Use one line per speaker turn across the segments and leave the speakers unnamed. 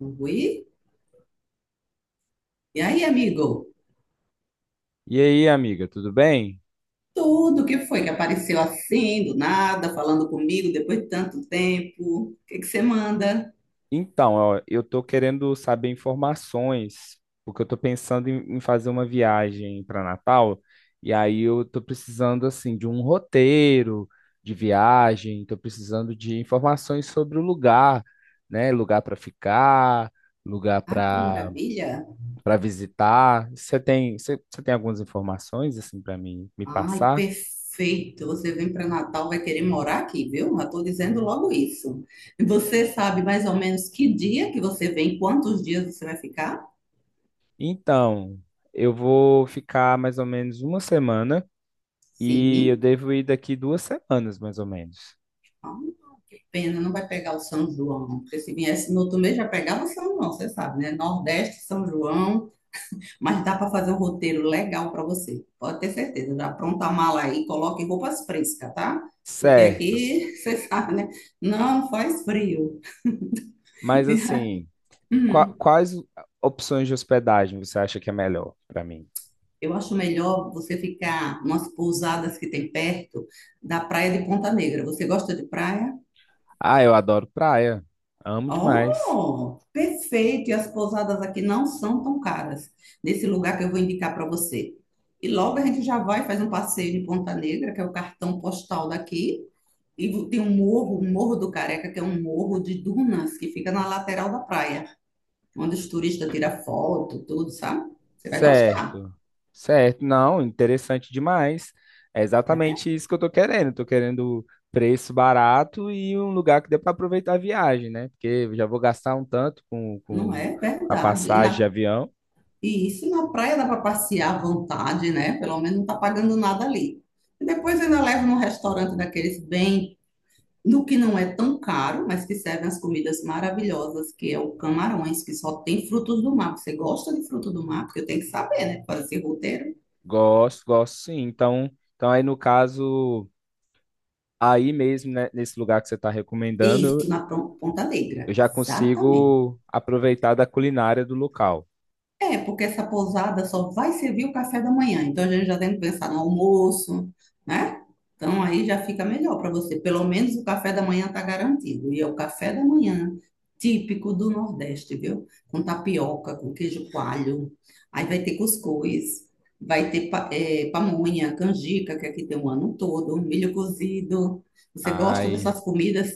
Oi. E aí, amigo?
E aí, amiga, tudo bem?
Tudo que foi que apareceu assim, do nada, falando comigo depois de tanto tempo. O que que você manda?
Então, ó, eu tô querendo saber informações, porque eu tô pensando em fazer uma viagem para Natal, e aí eu tô precisando assim de um roteiro de viagem, tô precisando de informações sobre o lugar, né? Lugar para ficar, lugar
Ah, que
para
maravilha!
para visitar. Você tem, você tem algumas informações assim para mim me
Ai,
passar?
perfeito! Você vem para Natal, vai querer morar aqui, viu? Já estou dizendo logo isso. Você sabe mais ou menos que dia que você vem, quantos dias você vai ficar?
Então, eu vou ficar mais ou menos uma semana. E eu
Sim.
devo ir daqui duas semanas, mais ou menos.
Ah, que pena, não vai pegar o São João. Porque se viesse no outro mês já pegava o São João, você sabe, né? Nordeste, São João. Mas dá para fazer um roteiro legal para você. Pode ter certeza. Já apronta a mala aí, coloque roupas frescas, tá? Porque
Certo.
aqui, você sabe, né? Não faz frio.
Mas assim,
Hum,
quais opções de hospedagem você acha que é melhor para mim?
eu acho melhor você ficar umas pousadas que tem perto da praia de Ponta Negra. Você gosta de praia?
Ah, eu adoro praia. Amo demais.
Oh, perfeito! E as pousadas aqui não são tão caras. Nesse lugar que eu vou indicar para você. E logo a gente já vai fazer um passeio de Ponta Negra, que é o cartão postal daqui. E tem um morro, o Morro do Careca, que é um morro de dunas que fica na lateral da praia, onde os turistas tiram foto, tudo, sabe? Você vai gostar,
Certo. Certo. Não, interessante demais. É
não é?
exatamente isso que eu tô querendo. Tô querendo preço barato e um lugar que dê para aproveitar a viagem, né? Porque eu já vou gastar um tanto com,
Não
com
é
a
verdade.
passagem de avião.
E isso na praia dá para passear à vontade, né? Pelo menos não tá pagando nada ali. E depois ainda leva num restaurante daqueles bem, no que não é tão caro, mas que servem as comidas maravilhosas, que é o camarões, que só tem frutos do mar. Você gosta de frutos do mar? Porque eu tenho que saber, né? Fazer esse roteiro.
Gosto, gosto sim. Então, então aí no caso. Aí mesmo, né, nesse lugar que você está recomendando,
Isso, na Ponta Negra.
eu já
Exatamente.
consigo aproveitar da culinária do local.
É, porque essa pousada só vai servir o café da manhã. Então a gente já tem que pensar no almoço, né? Então aí já fica melhor para você. Pelo menos o café da manhã está garantido. E é o café da manhã típico do Nordeste, viu? Com tapioca, com queijo coalho. Aí vai ter cuscuz, vai ter pamonha, canjica, que aqui tem o ano todo, milho cozido. Você gosta
Ai,
dessas comidas?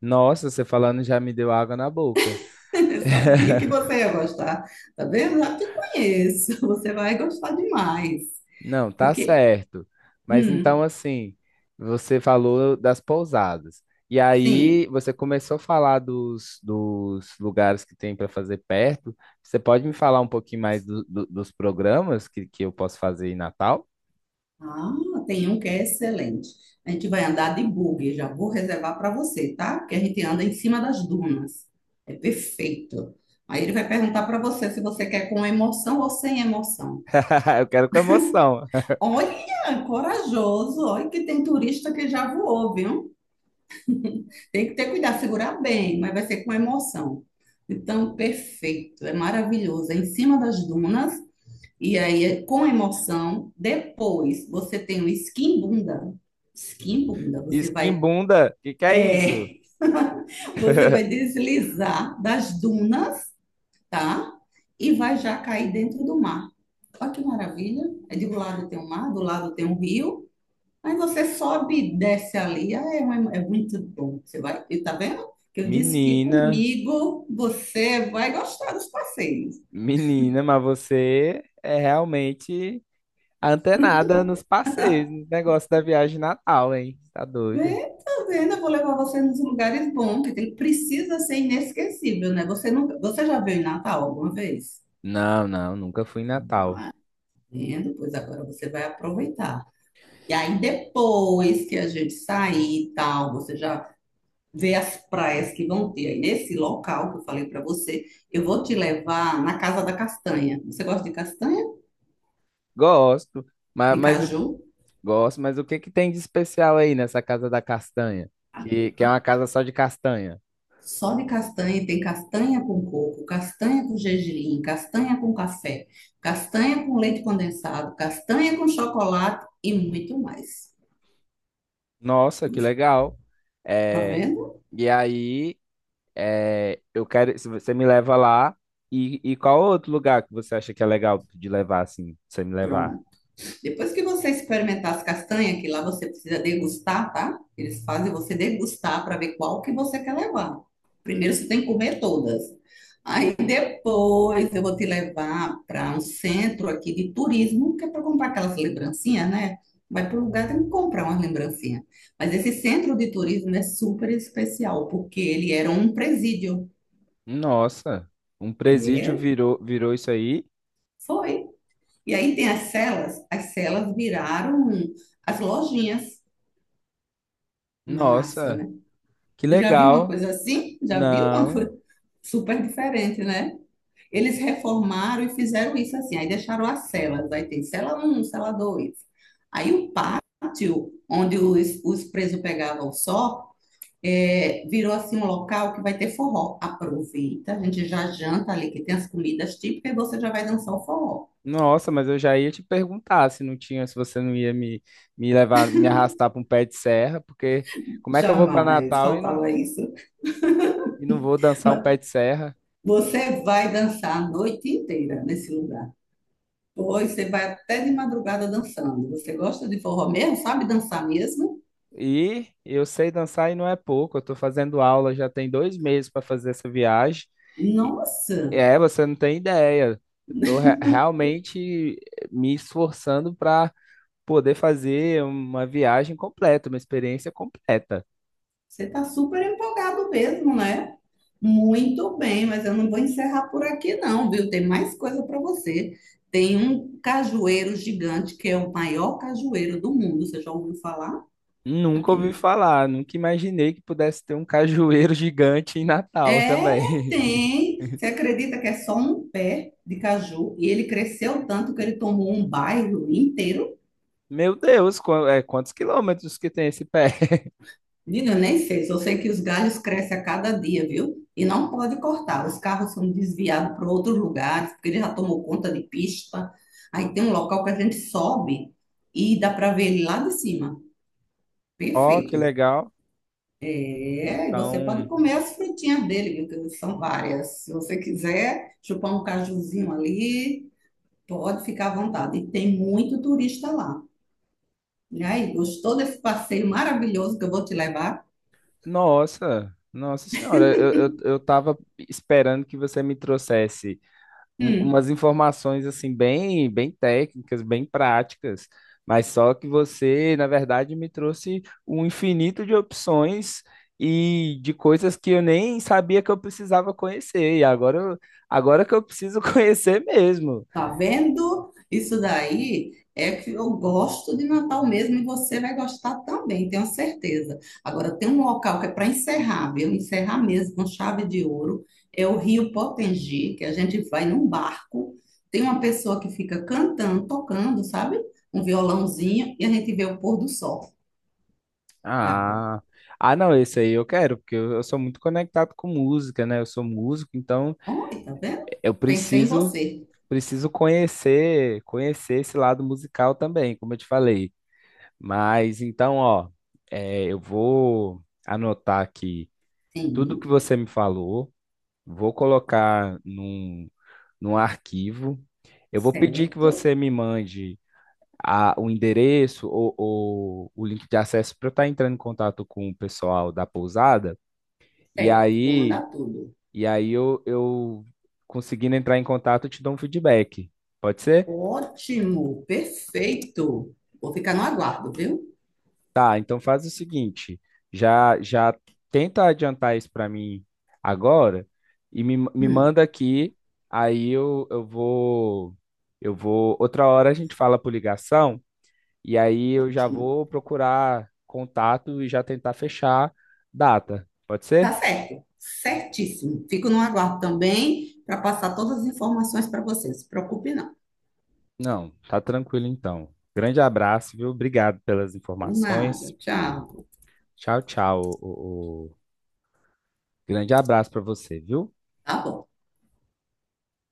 nossa, você falando já me deu água na boca.
Eu sabia que você ia gostar. Tá vendo? Já te conheço. Você vai gostar demais.
Não, tá
Porque,
certo. Mas
hum,
então, assim, você falou das pousadas. E aí
sim.
você começou a falar dos lugares que tem para fazer perto. Você pode me falar um pouquinho mais dos programas que eu posso fazer em Natal?
Ah, tem um que é excelente. A gente vai andar de buggy. Já vou reservar para você, tá? Porque a gente anda em cima das dunas. É perfeito. Aí ele vai perguntar para você se você quer com emoção ou sem emoção.
Eu quero com emoção.
Olha, corajoso. Olha que tem turista que já voou, viu? Tem que ter cuidado, segurar bem, mas vai ser com emoção. Então, perfeito, é maravilhoso. É em cima das dunas, e aí é com emoção. Depois, você tem o skin bunda. Skin bunda, você vai,
Esquimbunda, o que que é isso?
é, você vai deslizar das dunas, tá? E vai já cair dentro do mar. Olha que maravilha. É de um lado tem o mar, do lado tem o rio. Aí você sobe e desce ali. Ah, é, é muito bom. Você vai, e tá vendo? Que eu disse que
Menina,
comigo você vai gostar dos passeios.
menina, mas você é realmente antenada nos passeios, no negócio da viagem de Natal, hein? Tá doida?
Vê, tá vendo? Eu vou levar você nos lugares bons, que tem, precisa ser inesquecível, né? Você nunca, você já veio em Natal alguma vez?
Não, não, nunca fui em Natal.
Vendo? Pois agora você vai aproveitar. E aí depois que a gente sair e tal, você já vê as praias que vão ter aí nesse local que eu falei para você. Eu vou te levar na Casa da Castanha. Você gosta de castanha?
Gosto, mas,
De caju,
gosto, mas o que que tem de especial aí nessa Casa da Castanha? Que é
tá?
uma casa só de castanha.
Só de castanha, tem castanha com coco, castanha com gergelim, castanha com café, castanha com leite condensado, castanha com chocolate e muito mais.
Nossa, que legal.
Tá
É,
vendo?
e aí, é, eu quero, se você me leva lá, e qual outro lugar que você acha que é legal de levar assim, pra você me levar?
Pronto. Depois que você experimentar as castanhas, que lá você precisa degustar, tá? Eles fazem você degustar para ver qual que você quer levar. Primeiro você tem que comer todas. Aí depois eu vou te levar para um centro aqui de turismo, que é para comprar aquelas lembrancinhas, né? Vai para o lugar, tem que comprar umas lembrancinhas. Mas esse centro de turismo é super especial, porque ele era um presídio.
Nossa, um presídio
É,
virou, virou isso aí?
foi. E aí tem as celas viraram as lojinhas. Massa,
Nossa,
né?
que
Já viu uma
legal.
coisa assim? Já viu uma
Não,
coisa super diferente, né? Eles reformaram e fizeram isso assim. Aí deixaram as celas. Aí tem cela um, cela dois. Aí o pátio, onde os presos pegavam só, é, virou assim um local que vai ter forró. Aproveita, a gente já janta ali, que tem as comidas típicas, e você já vai dançar o forró.
nossa, mas eu já ia te perguntar se não tinha, se você não ia me levar, me arrastar para um pé de serra, porque como é que eu vou para
Jamais
Natal e
faltava isso.
e não vou dançar um
Mas
pé de serra?
você vai dançar a noite inteira nesse lugar. Pois você vai até de madrugada dançando. Você gosta de forró mesmo? Sabe dançar mesmo?
E eu sei dançar e não é pouco, eu estou fazendo aula já tem dois meses para fazer essa viagem. E,
Nossa,
é, você não tem ideia. Eu estou realmente me esforçando para poder fazer uma viagem completa, uma experiência completa.
você está super empolgado mesmo, né? Muito bem, mas eu não vou encerrar por aqui não, viu? Tem mais coisa para você. Tem um cajueiro gigante que é o maior cajueiro do mundo. Você já ouviu falar?
Nunca
Aqui
ouvi
não.
falar, nunca imaginei que pudesse ter um cajueiro gigante em Natal
É,
também.
tem. Você acredita que é só um pé de caju e ele cresceu tanto que ele tomou um bairro inteiro?
Meu Deus, quantos quilômetros que tem esse pé?
Menina, eu nem sei, só sei que os galhos crescem a cada dia, viu? E não pode cortar. Os carros são desviados para outros lugares, porque ele já tomou conta de pista. Aí tem um local que a gente sobe e dá para ver ele lá de cima.
Ó, que
Perfeito.
legal.
É, e você pode
Então,
comer as frutinhas dele, viu? Que são várias. Se você quiser chupar um cajuzinho ali, pode ficar à vontade. E tem muito turista lá. E aí, gostou desse passeio maravilhoso que eu vou te levar?
nossa, nossa senhora, eu tava esperando que você me trouxesse
Hum.
umas informações assim bem, bem técnicas, bem práticas, mas só que você, na verdade, me trouxe um infinito de opções e de coisas que eu nem sabia que eu precisava conhecer. E agora, agora que eu preciso conhecer mesmo.
Tá vendo? Isso daí é que eu gosto de Natal mesmo e você vai gostar também, tenho certeza. Agora, tem um local que é para encerrar, viu? Encerrar mesmo com chave de ouro. É o Rio Potengi, que a gente vai num barco. Tem uma pessoa que fica cantando, tocando, sabe? Um violãozinho e a gente vê o pôr do sol. E agora?
Ah, ah, não, esse aí eu quero, porque eu sou muito conectado com música, né? Eu sou músico, então
Olha, tá vendo?
eu
Pensei em
preciso
você.
preciso conhecer, conhecer esse lado musical também, como eu te falei. Mas então, ó, é, eu vou anotar aqui tudo
Sim,
que você me falou, vou colocar num arquivo. Eu vou pedir que
certo,
você me mande o endereço ou o link de acesso para eu estar entrando em contato com o pessoal da pousada. E
certo. Vou
aí,
mandar tudo.
e aí eu conseguindo entrar em contato, eu te dou um feedback. Pode ser?
Ótimo, perfeito. Vou ficar no aguardo, viu?
Tá, então faz o seguinte, já já tenta adiantar isso para mim agora e me
Hum,
manda aqui, aí eu vou outra hora a gente fala por ligação e aí eu já
ótimo.
vou procurar contato e já tentar fechar data. Pode
Tá
ser?
certo, certíssimo. Fico no aguardo também para passar todas as informações para você. Não se preocupe, não.
Não, tá tranquilo então. Grande abraço, viu? Obrigado pelas
Por
informações.
nada. Tchau.
Tchau, tchau. Grande abraço para você, viu?
Tá bom.